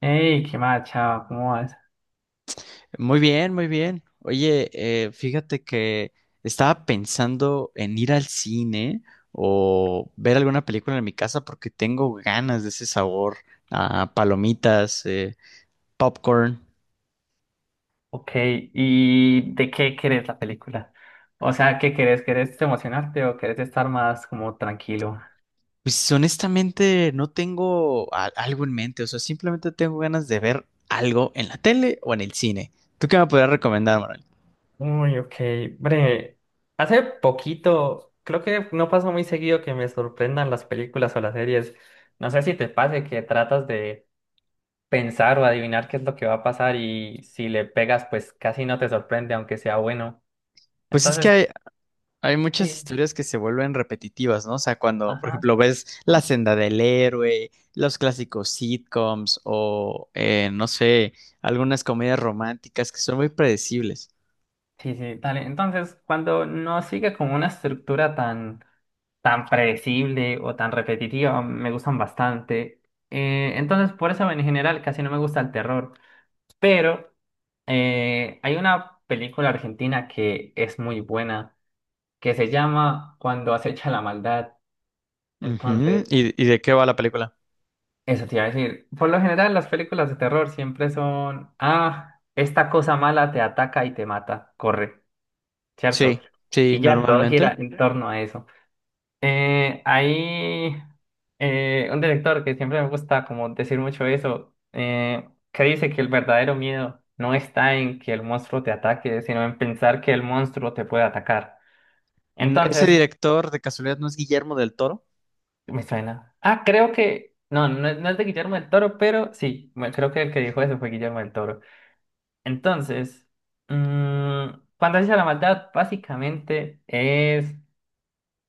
Hey, qué macha, ¿cómo vas? Muy bien, muy bien. Oye, fíjate que estaba pensando en ir al cine o ver alguna película en mi casa porque tengo ganas de ese sabor a palomitas, popcorn. Ok, ¿y de qué querés la película? O sea, ¿qué querés? ¿Querés emocionarte o querés estar más como tranquilo? Pues honestamente no tengo algo en mente, o sea, simplemente tengo ganas de ver algo en la tele o en el cine. ¿Tú qué me podrías recomendar, Manuel? Uy, ok. Bre, hace poquito, creo que no pasa muy seguido que me sorprendan las películas o las series. No sé si te pase que tratas de pensar o adivinar qué es lo que va a pasar y si le pegas, pues casi no te sorprende, aunque sea bueno. Pues es que Entonces, hay, Hay muchas sí, historias que se vuelven repetitivas, ¿no? O sea, cuando, por ajá. ejemplo, ves La senda del héroe, los clásicos sitcoms o, no sé, algunas comedias románticas que son muy predecibles. Sí, sí, dale. Entonces, cuando no sigue como una estructura tan, tan predecible o tan repetitiva, me gustan bastante. Entonces, por eso en general casi no me gusta el terror. Pero hay una película argentina que es muy buena, que se llama Cuando acecha la maldad. Ujú. Entonces, ¿Y, de qué va la película? eso te iba a decir. Por lo general, las películas de terror siempre son, ah, esta cosa mala te ataca y te mata, corre, ¿cierto? Sí, sí, Y ya todo normalmente. gira en torno a eso. Hay un director que siempre me gusta como decir mucho eso, que dice que el verdadero miedo no está en que el monstruo te ataque, sino en pensar que el monstruo te puede atacar. Ese Entonces, director de casualidad no es Guillermo del Toro, me suena. Ah, creo que... No, no, es no es de Guillermo del Toro, pero sí, creo que el que dijo eso fue Guillermo del Toro. Entonces, mm, cuando Fantasía de la Maldad básicamente es...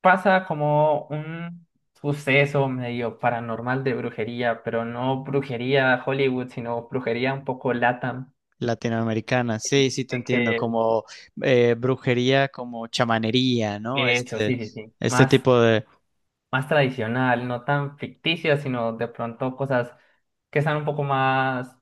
pasa como un suceso medio paranormal de brujería, pero no brujería Hollywood, sino brujería un poco LATAM. latinoamericana. Y Sí, sí, te de entiendo, que como brujería, como chamanería, ¿no? eso, Este, sí, sí, sí. este Más tipo. más tradicional, no tan ficticia, sino de pronto cosas que están un poco más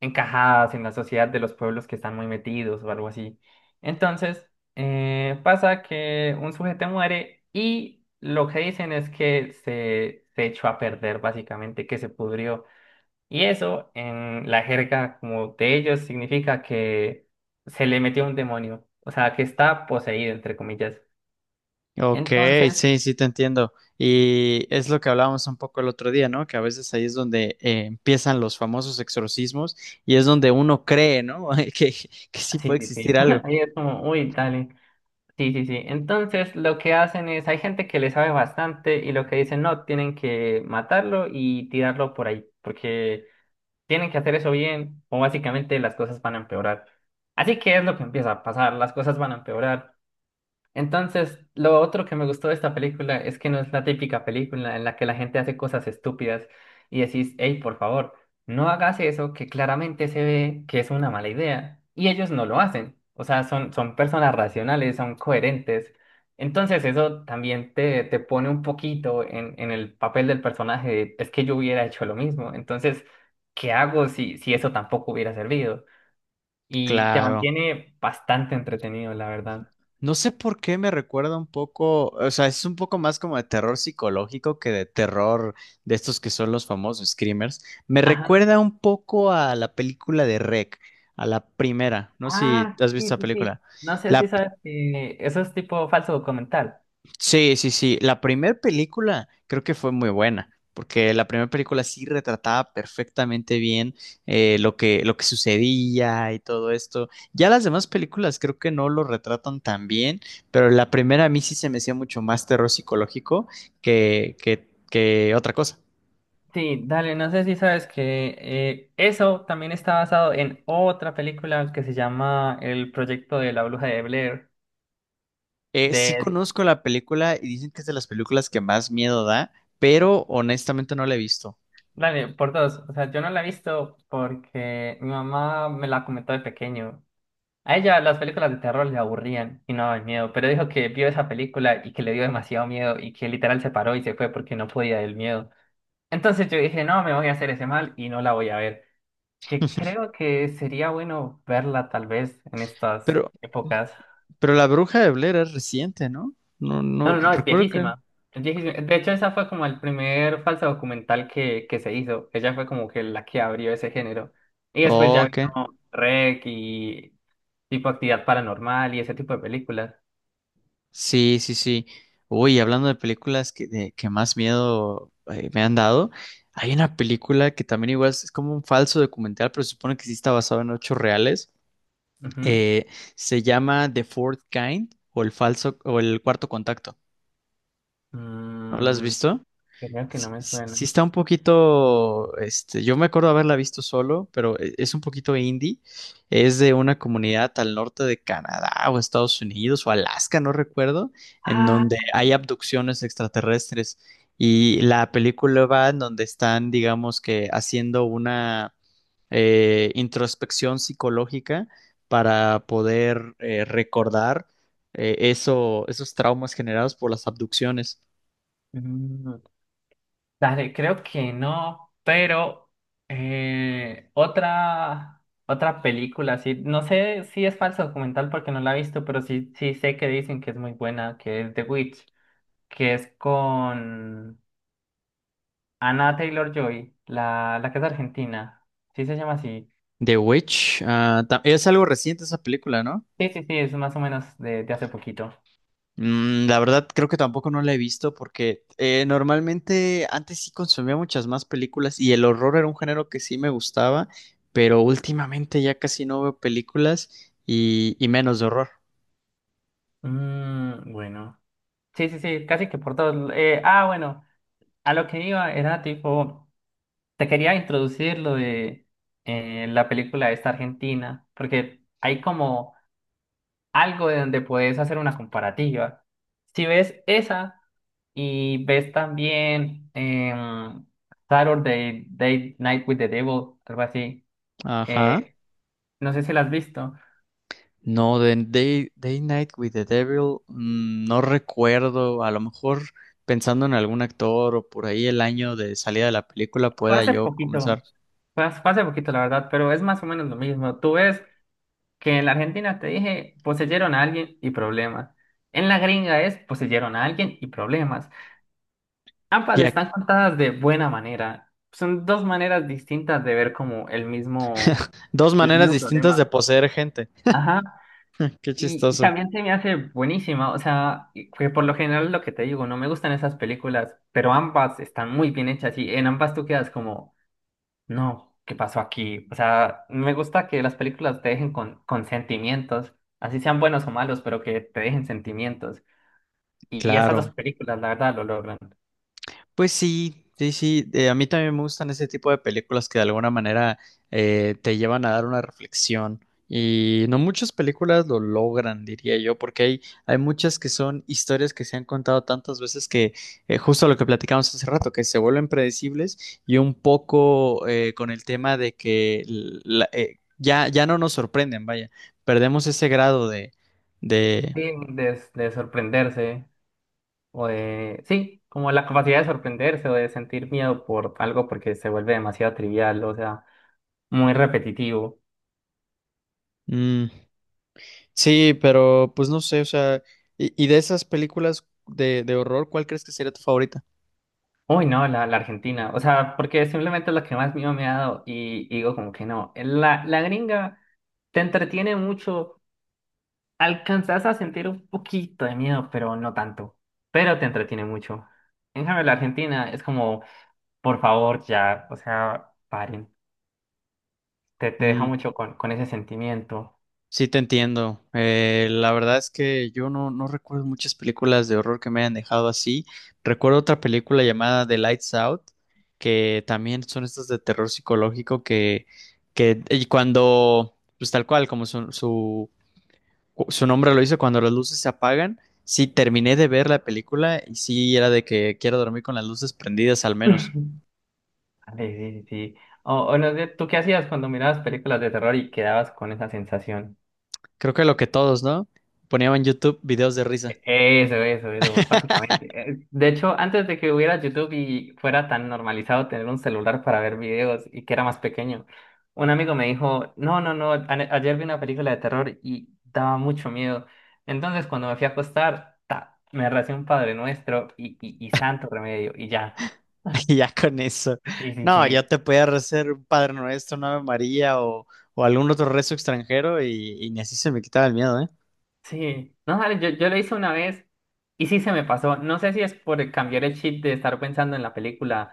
encajadas en la sociedad de los pueblos que están muy metidos o algo así. Entonces, pasa que un sujeto muere y lo que dicen es que se echó a perder, básicamente, que se pudrió. Y eso en la jerga como de ellos significa que se le metió un demonio, o sea, que está poseído, entre comillas. Ok, Entonces, sí, sí te entiendo. Y es lo que hablábamos un poco el otro día, ¿no? Que a veces ahí es donde empiezan los famosos exorcismos y es donde uno cree, ¿no? Que, que sí sí, puede sí, sí. existir algo. Ahí es como, uy, dale. Sí, sí, sí. Entonces, lo que hacen es, hay gente que le sabe bastante y lo que dicen, no, tienen que matarlo y tirarlo por ahí, porque tienen que hacer eso bien o básicamente las cosas van a empeorar. Así que es lo que empieza a pasar, las cosas van a empeorar. Entonces, lo otro que me gustó de esta película es que no es la típica película en la que la gente hace cosas estúpidas y decís, hey, por favor, no hagas eso que claramente se ve que es una mala idea. Y ellos no lo hacen. O sea, son, son personas racionales, son coherentes. Entonces, eso también te pone un poquito en el papel del personaje de, es que yo hubiera hecho lo mismo. Entonces, ¿qué hago si eso tampoco hubiera servido? Y te Claro. mantiene bastante entretenido, la verdad. No sé por qué me recuerda un poco, o sea, es un poco más como de terror psicológico que de terror de estos que son los famosos screamers. Me Ajá. recuerda un poco a la película de REC, a la primera. No sé si Ah, has sí, visto la sí, sí. película. No sé si La, sabes que eso es tipo falso documental. Sí, sí, sí. La primera película creo que fue muy buena, porque la primera película sí retrataba perfectamente bien lo lo que sucedía y todo esto. Ya las demás películas creo que no lo retratan tan bien, pero la primera a mí sí se me hacía mucho más terror psicológico que otra cosa. Sí, dale, no sé si sabes que eso también está basado en otra película que se llama El proyecto de la bruja de Blair, Sí de, conozco la película y dicen que es de las películas que más miedo da, pero honestamente no la he visto. dale, por dos. O sea, yo no la he visto porque mi mamá me la comentó de pequeño. A ella las películas de terror le aburrían y no daban miedo, pero dijo que vio esa película y que le dio demasiado miedo y que literal se paró y se fue porque no podía del miedo. Entonces yo dije, no, me voy a hacer ese mal y no la voy a ver. Que creo que sería bueno verla tal vez en estas Pero, épocas. pero La Bruja de Blair es reciente, ¿no? No, no No, no, no, es recuerdo que. viejísima. Es viejísima. De hecho, esa fue como el primer falso documental que se hizo. Ella fue como que la que abrió ese género. Y después Oh, ya ok, vino REC y tipo Actividad Paranormal y ese tipo de películas. sí, sí, sí. Uy, hablando de películas que más miedo me han dado, hay una película que también igual es como un falso documental, pero se supone que sí está basado en hechos reales. Ujú. Eh, se llama The Fourth Kind o el falso o el cuarto contacto. ¿No la has Mm, visto? creo que no me suena. Sí está un poquito, este, yo me acuerdo haberla visto solo, pero es un poquito indie. Es de una comunidad al norte de Canadá o Estados Unidos o Alaska, no recuerdo, en Ah, donde hay abducciones extraterrestres. Y la película va en donde están, digamos que, haciendo una introspección psicológica para poder recordar esos traumas generados por las abducciones. mm, dale, creo que no, pero otra película, sí, no sé si es falso documental porque no la he visto, pero sí, sí sé que dicen que es muy buena, que es The Witch, que es con Anna Taylor-Joy, la que es argentina, sí se llama así. The Witch, ah, es algo reciente esa película, ¿no? Sí, sí, sí, es más o menos de hace poquito. Mm, la verdad creo que tampoco no la he visto porque normalmente antes sí consumía muchas más películas y el horror era un género que sí me gustaba, pero últimamente ya casi no veo películas y menos de horror. Mm, bueno, sí, sí, sí, casi que por todos. Bueno, a lo que iba era tipo... Te quería introducir lo de la película esta argentina, porque hay como algo de donde puedes hacer una comparativa. Si ves esa y ves también Saturday Day Night with the Devil, algo así, Ajá. eh, no sé si la has visto. No, de Day Night with the Devil, mm, no recuerdo, a lo mejor pensando en algún actor o por ahí el año de salida de la película Fue pueda hace yo poquito, comenzar. fue hace poquito la verdad, pero es más o menos lo mismo. Tú ves que en la Argentina te dije, poseyeron a alguien y problemas. En la gringa es poseyeron a alguien y problemas. Ambas están contadas de buena manera. Son dos maneras distintas de ver como Dos el maneras mismo distintas problema. de poseer gente. Ajá. Qué Y chistoso. también se me hace buenísima. O sea, que por lo general lo que te digo, no me gustan esas películas, pero ambas están muy bien hechas y en ambas tú quedas como, no, ¿qué pasó aquí? O sea, me gusta que las películas te dejen con sentimientos, así sean buenos o malos, pero que te dejen sentimientos. Y esas dos Claro. películas, la verdad, lo logran. Pues sí, sí, sí. A mí también me gustan ese tipo de películas que de alguna manera te llevan a dar una reflexión. Y no muchas películas lo logran, diría yo, porque hay muchas que son historias que se han contado tantas veces que justo lo que platicamos hace rato, que se vuelven predecibles y un poco con el tema de que ya no nos sorprenden, vaya, perdemos ese grado de, Sí, de sorprenderse. O de, sí, como la capacidad de sorprenderse o de sentir miedo por algo porque se vuelve demasiado trivial, o sea, muy repetitivo. mm. Sí, pero pues no sé, o sea, y de esas películas de horror, ¿cuál crees que sería tu favorita? Uy, no, la Argentina, o sea, porque simplemente es la que más miedo me ha dado y digo como que no, la gringa te entretiene mucho, alcanzas a sentir un poquito de miedo, pero no tanto, pero te entretiene mucho. En cambio, la Argentina es como, por favor, ya, o sea, paren, te deja Mm, mucho con ese sentimiento. sí, te entiendo. La verdad es que yo no, no recuerdo muchas películas de horror que me hayan dejado así. Recuerdo otra película llamada The Lights Out, que también son estas de terror psicológico que y cuando, pues tal cual, como su nombre lo dice, cuando las luces se apagan, sí terminé de ver la película y sí era de que quiero dormir con las luces prendidas al menos. Sí, sí, sí. Sí. O no sé, ¿tú qué hacías cuando mirabas películas de terror y quedabas con esa sensación? Creo que lo que todos, ¿no? Ponían en YouTube videos de risa. Eso, eso, eso, básicamente. De hecho, antes de que hubiera YouTube y fuera tan normalizado tener un celular para ver videos y que era más pequeño, un amigo me dijo, no, no, no, ayer vi una película de terror y daba mucho miedo. Entonces, cuando me fui a acostar, ta, me recé un Padre Nuestro y Santo Remedio y ya. Y ya con eso. Sí, sí, No, ya sí. te podía hacer un Padre Nuestro, una Ave María o algún otro rezo extranjero y ni así se me quitaba el miedo, ¿eh? Sí, no sabes, yo lo hice una vez y sí se me pasó. No sé si es por cambiar el chip de estar pensando en la película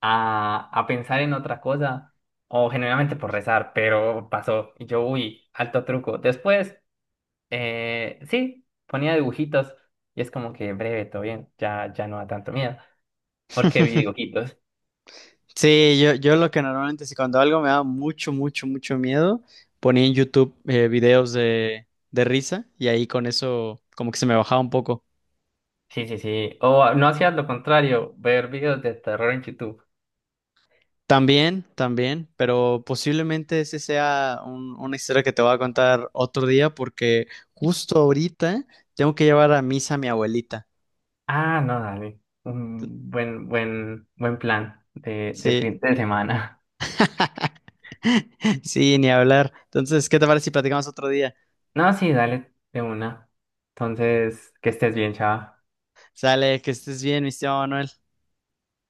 a pensar en otra cosa o generalmente por rezar, pero pasó. Y yo, uy, alto truco. Después, sí, ponía dibujitos y es como que breve, todo bien, ya, ya no da tanto miedo porque vi dibujitos. Sí, yo lo que normalmente, si cuando algo me da mucho, mucho, mucho miedo, ponía en YouTube videos de risa y ahí con eso como que se me bajaba un poco. Sí, sí, sí. O no hacías lo contrario, ver videos de terror en YouTube. También, también, pero posiblemente ese sea una historia que te voy a contar otro día porque justo ahorita tengo que llevar a misa a mi abuelita. Ah, no, dale. Un buen, buen, buen plan de Sí, fin de semana. sí, ni hablar. Entonces, ¿qué te parece si platicamos otro día? No, sí, dale, de una. Entonces, que estés bien, chao. Sale, que estés bien, mi estimado Manuel.